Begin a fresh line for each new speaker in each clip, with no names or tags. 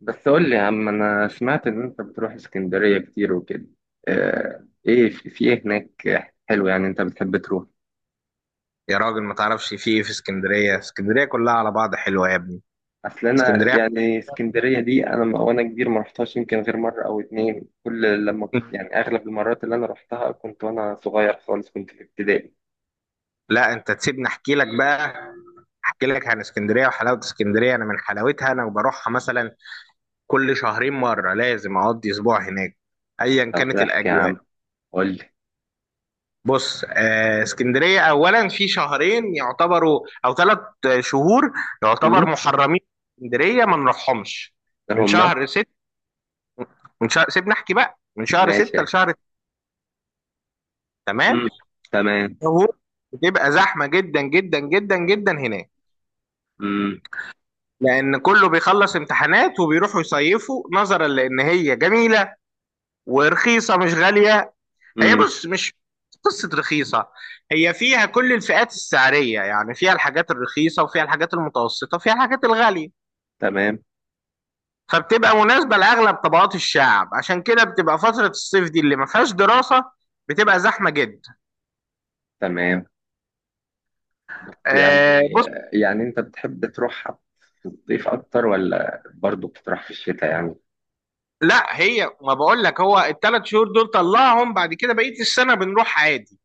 بس قول لي يا عم، انا سمعت ان انت بتروح اسكندرية كتير وكده. ايه، في ايه هناك؟ حلو، يعني انت بتحب تروح؟
يا راجل، ما تعرفش في ايه في اسكندريه؟ اسكندريه كلها على بعض حلوه يا ابني.
اصل انا
اسكندريه.
يعني اسكندرية دي انا وانا كبير ما رحتهاش، يمكن غير مرة او اتنين. كل لما يعني اغلب المرات اللي انا رحتها كنت وانا صغير خالص، كنت في ابتدائي.
لا، انت تسيبني احكي لك بقى. احكي لك عن اسكندريه وحلاوه اسكندريه. انا من حلاوتها انا وبروحها مثلا كل شهرين مره لازم اقضي اسبوع هناك، ايا
طب
كانت
احكي يا
الاجواء.
عم، قول لي.
بص، اسكندريه اولا في شهرين يعتبروا او ثلاث شهور
امم.
يعتبر محرمين. اسكندريه ما نروحهمش من
هما.
شهر ستة. من شهر سيبني احكي بقى، من شهر
ماشي.
ستة لشهر. تمام.
امم. تمام.
هو، بتبقى زحمة جدا جدا جدا جدا هناك.
امم.
لأن كله بيخلص امتحانات وبيروحوا يصيفوا، نظرا لأن هي جميلة ورخيصة، مش غالية. هي
امم.
بص، مش قصة رخيصة. هي فيها كل الفئات السعرية، يعني فيها الحاجات الرخيصة وفيها الحاجات المتوسطة وفيها الحاجات الغالية.
تمام.
فبتبقى مناسبة لأغلب طبقات الشعب. عشان كده بتبقى فترة الصيف دي اللي ما فيهاش دراسة بتبقى زحمة جدا.
تمام.
آه،
يعني، يعني انت بتحب تروح صيف اكتر ولا برضو بتروح في الشتاء يعني؟
لا، هي ما بقول لك، هو الثلاث شهور دول طلعهم. بعد كده بقيه السنه بنروح عادي.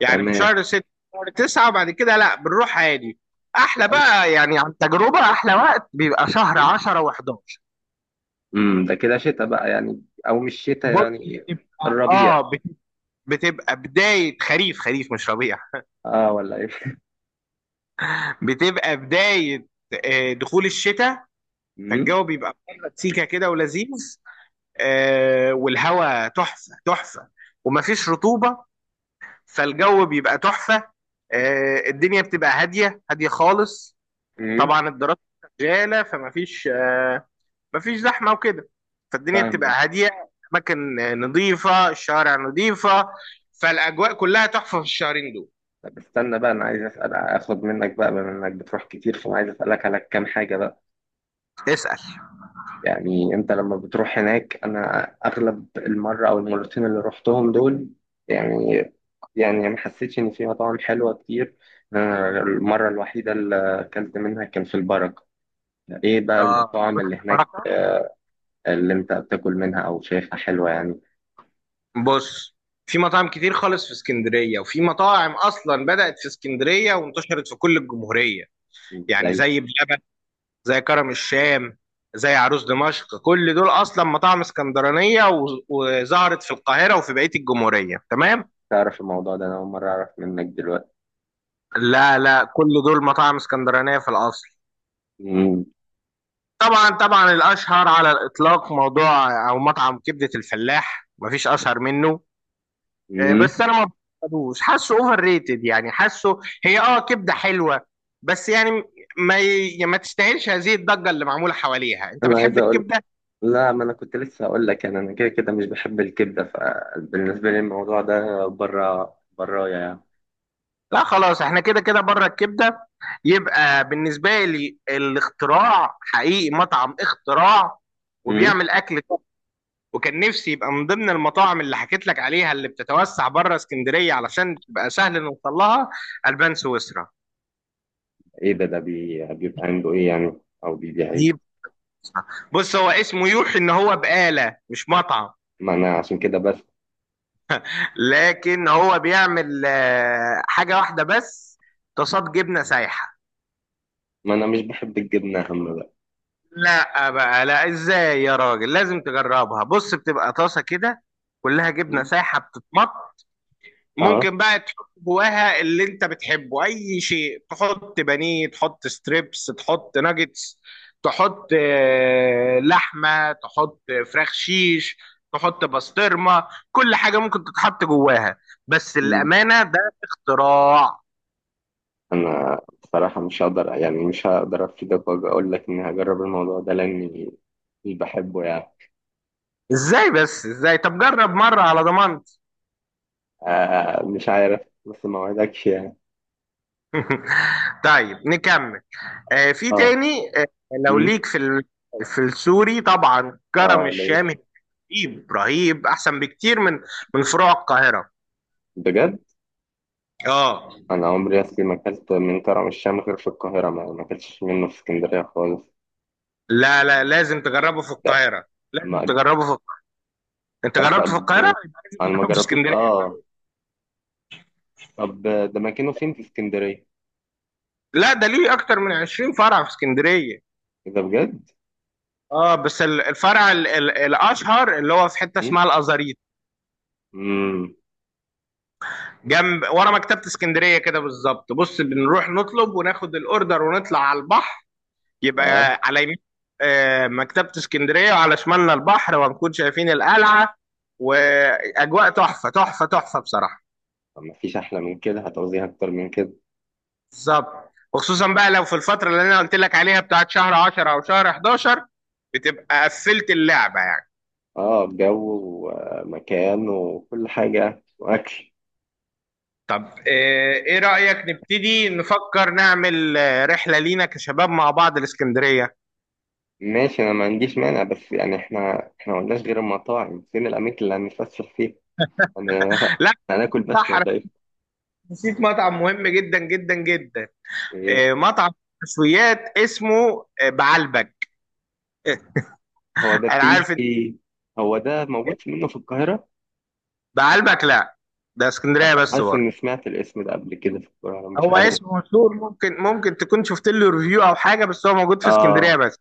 يعني من
تمام.
شهر 6 شهر 9، بعد كده لا، بنروح عادي. احلى بقى، يعني عن تجربه احلى وقت بيبقى شهر 10 و11.
امم، ده كده شتاء بقى يعني، او مش شتاء
بص،
يعني؟
بتبقى
الربيع؟
بتبقى بدايه خريف، خريف مش ربيع.
اه، ولا ايه؟
بتبقى بدايه دخول الشتاء.
امم.
فالجو بيبقى بره سيكه كده ولذيذ. والهواء تحفه تحفه ومفيش رطوبه. فالجو بيبقى تحفة. الدنيا بتبقى هادية هادية خالص.
امم.
طبعا الدراسة شغالة، فمفيش آه، مفيش زحمة وكده. فالدنيا
فاهم.
بتبقى هادية. أماكن نظيفة، الشوارع نظيفة، فالأجواء كلها تحفة في الشهرين دول.
طب استنى بقى، انا عايز اسال، اخد منك بقى بما انك بتروح كتير، فانا عايز اسالك على كام حاجه بقى.
اسأل.
يعني انت لما بتروح هناك، انا اغلب المره او المرتين اللي رحتهم دول، يعني، يعني ما حسيتش ان في مطاعم حلوه كتير. أنا المره الوحيده اللي اكلت منها كان في البركه. ايه بقى
اه،
المطاعم اللي هناك
بركة.
اللي انت بتاكل منها او شايفها حلوة يعني؟
بص، في مطاعم كتير خالص في اسكندرية، وفي مطاعم أصلا بدأت في اسكندرية وانتشرت في كل الجمهورية. يعني
ازاي؟
زي بلبن، زي كرم الشام، زي عروس دمشق، كل دول اصلا مطاعم اسكندرانيه وظهرت في القاهره وفي بقيه الجمهوريه. تمام.
تعرف الموضوع ده انا اول مرة اعرف منك دلوقتي.
لا، لا، كل دول مطاعم اسكندرانيه في الاصل.
مم.
طبعا طبعا، الاشهر على الاطلاق موضوع او مطعم كبده الفلاح، مفيش اشهر منه.
مم.
بس انا ما بحبوش، حاسه اوفر ريتد، يعني حاسه هي كبده حلوه بس، يعني ما تستاهلش هذه الضجه اللي معموله حواليها. انت
انا عايز
بتحب
اقول،
الكبده؟
لا، ما انا كنت لسه اقول لك، يعني انا كده كده مش بحب الكبدة، فبالنسبة لي الموضوع ده بره برايا يعني.
لا، خلاص، احنا كده كده بره الكبده. يبقى بالنسبه لي الاختراع، حقيقي مطعم اختراع،
مم.
وبيعمل اكل top. وكان نفسي يبقى من ضمن المطاعم اللي حكيت لك عليها اللي بتتوسع بره اسكندريه علشان تبقى سهل نوصل لها. البان سويسرا.
ايه ده؟ ده بيبقى عنده ايه يعني او بيبيع
دي،
ايه؟
بص، هو اسمه يوحي ان هو بقاله، مش مطعم.
ما انا عشان كده بس.
لكن هو بيعمل حاجه واحده بس، طاسات جبنه سايحه.
ما انا مش بحب الجبنة هم بقى.
لا بقى، لا، ازاي؟ يا راجل لازم تجربها. بص، بتبقى طاسه كده، كلها جبنه
مم.
سايحه بتتمط.
اه.
ممكن بقى تحط جواها اللي انت بتحبه، اي شيء. تحط بانيه، تحط ستريبس، تحط ناجتس، تحط لحمه، تحط فراخ شيش، تحط بسطرمه، كل حاجه ممكن تتحط جواها. بس الامانه، ده اختراع.
انا بصراحه مش هقدر، يعني مش هقدر افيدك واقول لك اني هجرب الموضوع ده لاني مش بحبه يعني.
ازاي؟ بس ازاي؟ طب جرب مره على ضمانتي.
آه مش عارف، بس ما وعدكش يعني.
طيب، نكمل. في
اه.
تاني. لو
مم.
ليك في السوري، طبعا كرم
اه لو.
الشام رهيب رهيب، احسن بكتير من فروع القاهره.
بجد؟
اه،
انا عمري اصلي ما اكلت من كرم الشام غير في القاهره، ما ما اكلتش منه في اسكندريه خالص.
لا، لا، لازم تجربه في
ده.
القاهره، لازم
ما.
تجربه في القاهرة. انت
طب
جربته في القاهره؟
انا ما
جربته في
جربتوش،
اسكندريه.
اه. طب ده مكانه فين في اسكندريه؟
لا، ده ليه اكتر من 20 فرع في اسكندريه.
اذا بجد؟
اه، بس الفرع ال ال الاشهر اللي هو في حته اسمها الازاريط.
امم.
جنب ورا مكتبه اسكندريه كده بالظبط. بص، بنروح نطلب وناخد الاوردر ونطلع على البحر.
اه،
يبقى على يمين مكتبة اسكندرية، وعلى شمالنا البحر، وهنكون شايفين القلعة، وأجواء تحفة تحفة تحفة بصراحة.
ما فيش احلى من كده، هتعوزيها اكتر من كده؟
بالظبط، وخصوصا بقى لو في الفترة اللي أنا قلت لك عليها بتاعت شهر 10 أو شهر 11، بتبقى قفلت اللعبة يعني.
اه، جو، ومكان، وكل حاجة، وأكل.
طب، إيه رأيك نبتدي نفكر نعمل رحلة لينا كشباب مع بعض الإسكندرية؟
ماشي، أنا ما عنديش مانع، بس يعني إحنا ما قلناش غير المطاعم، فين الأماكن اللي هنتفسح فيها؟ أنا
لا،
هناكل بس
صح،
ولا
أنا
إيه؟
نسيت مطعم مهم جدا جدا جدا.
إيه؟
مطعم مشويات اسمه بعلبك.
هو ده
انا
فيه.
عارف.
هو ده موجود منه في القاهرة؟
بعلبك لا، ده اسكندريه بس،
حاسس
بره.
إني سمعت الاسم ده قبل كده في القاهرة، مش
هو
عارف.
اسمه مشهور، ممكن تكون شفت له ريفيو او حاجه، بس هو موجود في اسكندريه
آه،
بس.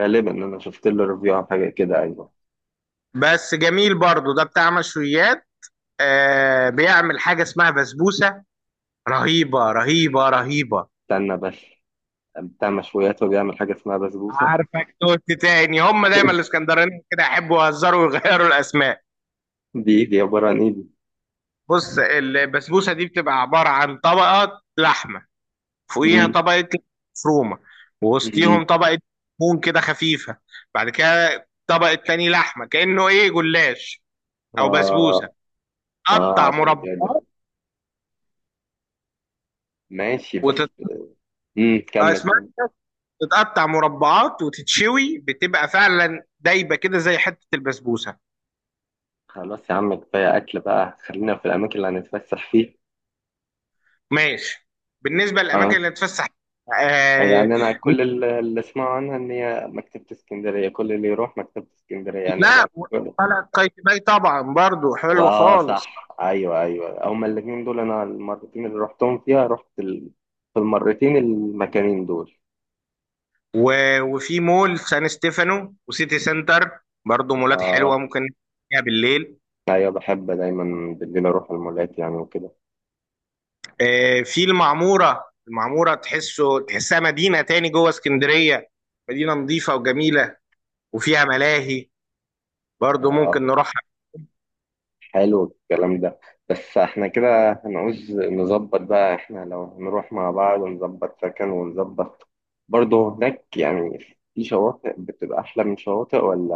غالبا أنا شفت له ريفيو عن حاجة كده، أيوه.
بس جميل برضو ده، بتاع مشويات. بيعمل حاجه اسمها بسبوسه، رهيبه رهيبه رهيبه.
استنى بس، بتاع مشويات وبيعمل حاجة اسمها بسبوسة؟
عارفك توت تاني، هم دايما الاسكندرانيين كده يحبوا يهزروا ويغيروا الاسماء.
دي دي عبارة عن إيه دي؟
بص، البسبوسه دي بتبقى عباره عن طبقات لحمه، فوقيها
مم.
طبقة مفرومة،
مم.
ووسطيهم طبقة دهون كده خفيفة، بعد كده طبقة تاني لحمة، كأنه ايه جلاش او بسبوسة،
آه. اه
تقطع
عشان كده.
مربعات
ماشي بس.
وتت...
امم، كمل
اسمها
كمل.
إيه؟ تتقطع مربعات وتتشوي، بتبقى فعلا دايبة كده زي حتة البسبوسة.
خلاص يا عم، كفايه اكل بقى، خلينا في الاماكن اللي هنتفسح فيها.
ماشي. بالنسبة للأماكن
اه،
اللي تفسح آه...
يعني انا كل اللي اسمعه عنها ان هي مكتبه اسكندريه، كل اللي يروح مكتبه اسكندريه يعني انا.
لا، وطلعت قايتباي طبعا، برضو حلوة
واه صح،
خالص.
ايوه ايوه، هما الاثنين دول انا المرتين اللي رحتهم فيها رحت في المرتين المكانين دول.
وفي مول سان ستيفانو وسيتي سنتر برضه، مولات
اه.
حلوه ممكن فيها بالليل.
ايوه بحب دايما بالليل اروح المولات يعني وكده.
في المعموره. المعموره تحسها مدينه تاني جوه اسكندريه. مدينه نظيفه وجميله، وفيها ملاهي، برضه
اه،
ممكن نروحها.
حلو الكلام ده، بس احنا كده هنعوز نظبط بقى، احنا لو هنروح مع بعض ونظبط سكن ونظبط برضه هناك يعني. في شواطئ بتبقى أحلى من شواطئ، ولا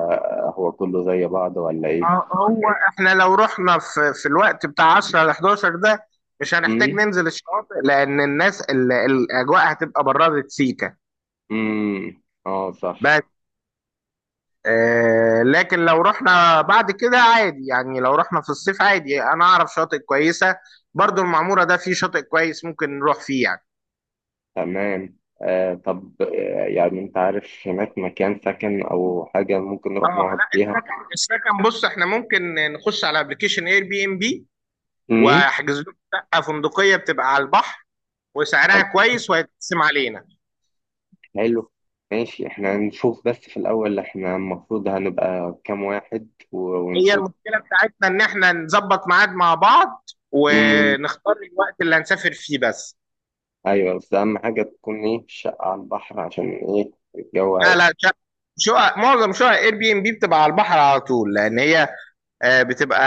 هو كله زي بعض ولا إيه؟
هو احنا لو رحنا في الوقت بتاع 10 ل 11 ده، مش هنحتاج
امم.
ننزل الشواطئ، لان الاجواء هتبقى برادة سيكا.
اه صح.
بس، لكن لو رحنا بعد كده عادي، يعني لو رحنا في الصيف عادي، انا اعرف شاطئ كويسة. برضو المعمورة ده فيه شاطئ كويس ممكن نروح فيه يعني.
تمام، آه طب آه، يعني أنت عارف هناك مكان سكن أو حاجة ممكن
اه،
نروح نقعد
لا،
فيها؟
السكن السكن، بص احنا ممكن نخش على ابلكيشن اير بي ام بي.
امم.
واحجز لكم شقة فندقية بتبقى على البحر،
طب
وسعرها كويس وهيتقسم علينا.
حلو. ماشي، احنا نشوف، بس في الأول احنا المفروض هنبقى كام واحد
هي
ونشوف.
المشكلة بتاعتنا ان احنا نظبط ميعاد مع بعض
امم.
ونختار الوقت اللي هنسافر فيه بس.
ايوه، بس اهم حاجه تكون ايه، الشقه على البحر عشان ايه الجو
لا،
هيبقى.
لا، شقق معظم شقق اير بي ام بي بتبقى على البحر على طول، لان هي بتبقى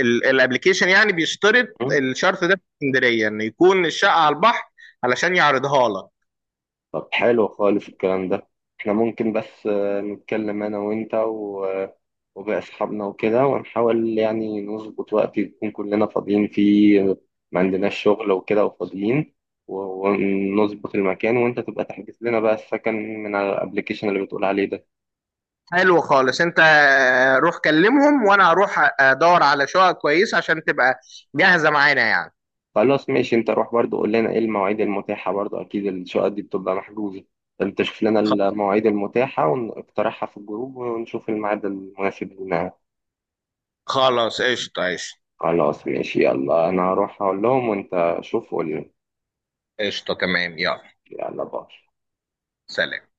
الابلكيشن يعني بيشترط
مم.
الشرط ده في اسكندريه ان يكون الشقه على البحر. علشان يعرضها لك.
طب حلو خالص الكلام ده. احنا ممكن بس نتكلم انا وانت وباقي اصحابنا وكده، ونحاول يعني نظبط وقت يكون كلنا فاضيين فيه، ما عندناش شغل وكده وفاضيين، ونظبط المكان، وانت تبقى تحجز لنا بقى السكن من على الابلكيشن اللي بتقول عليه ده.
حلو خالص، انت روح كلمهم، وانا هروح ادور على شقق كويسه عشان تبقى جاهزه معانا يعني.
خلاص ماشي، انت روح برضو قول لنا ايه المواعيد المتاحة، برضو اكيد الشقق دي بتبقى محجوزة. انت شوف لنا
خ-
المواعيد المتاحة ونقترحها في الجروب ونشوف الميعاد المناسب لنا.
خلاص، قشطه، قشطه،
خلاص ماشي، يلا انا هروح اقول لهم، وانت شوف قول لنا.
قشطه، تمام، يلا،
يلا، باي.
سلام.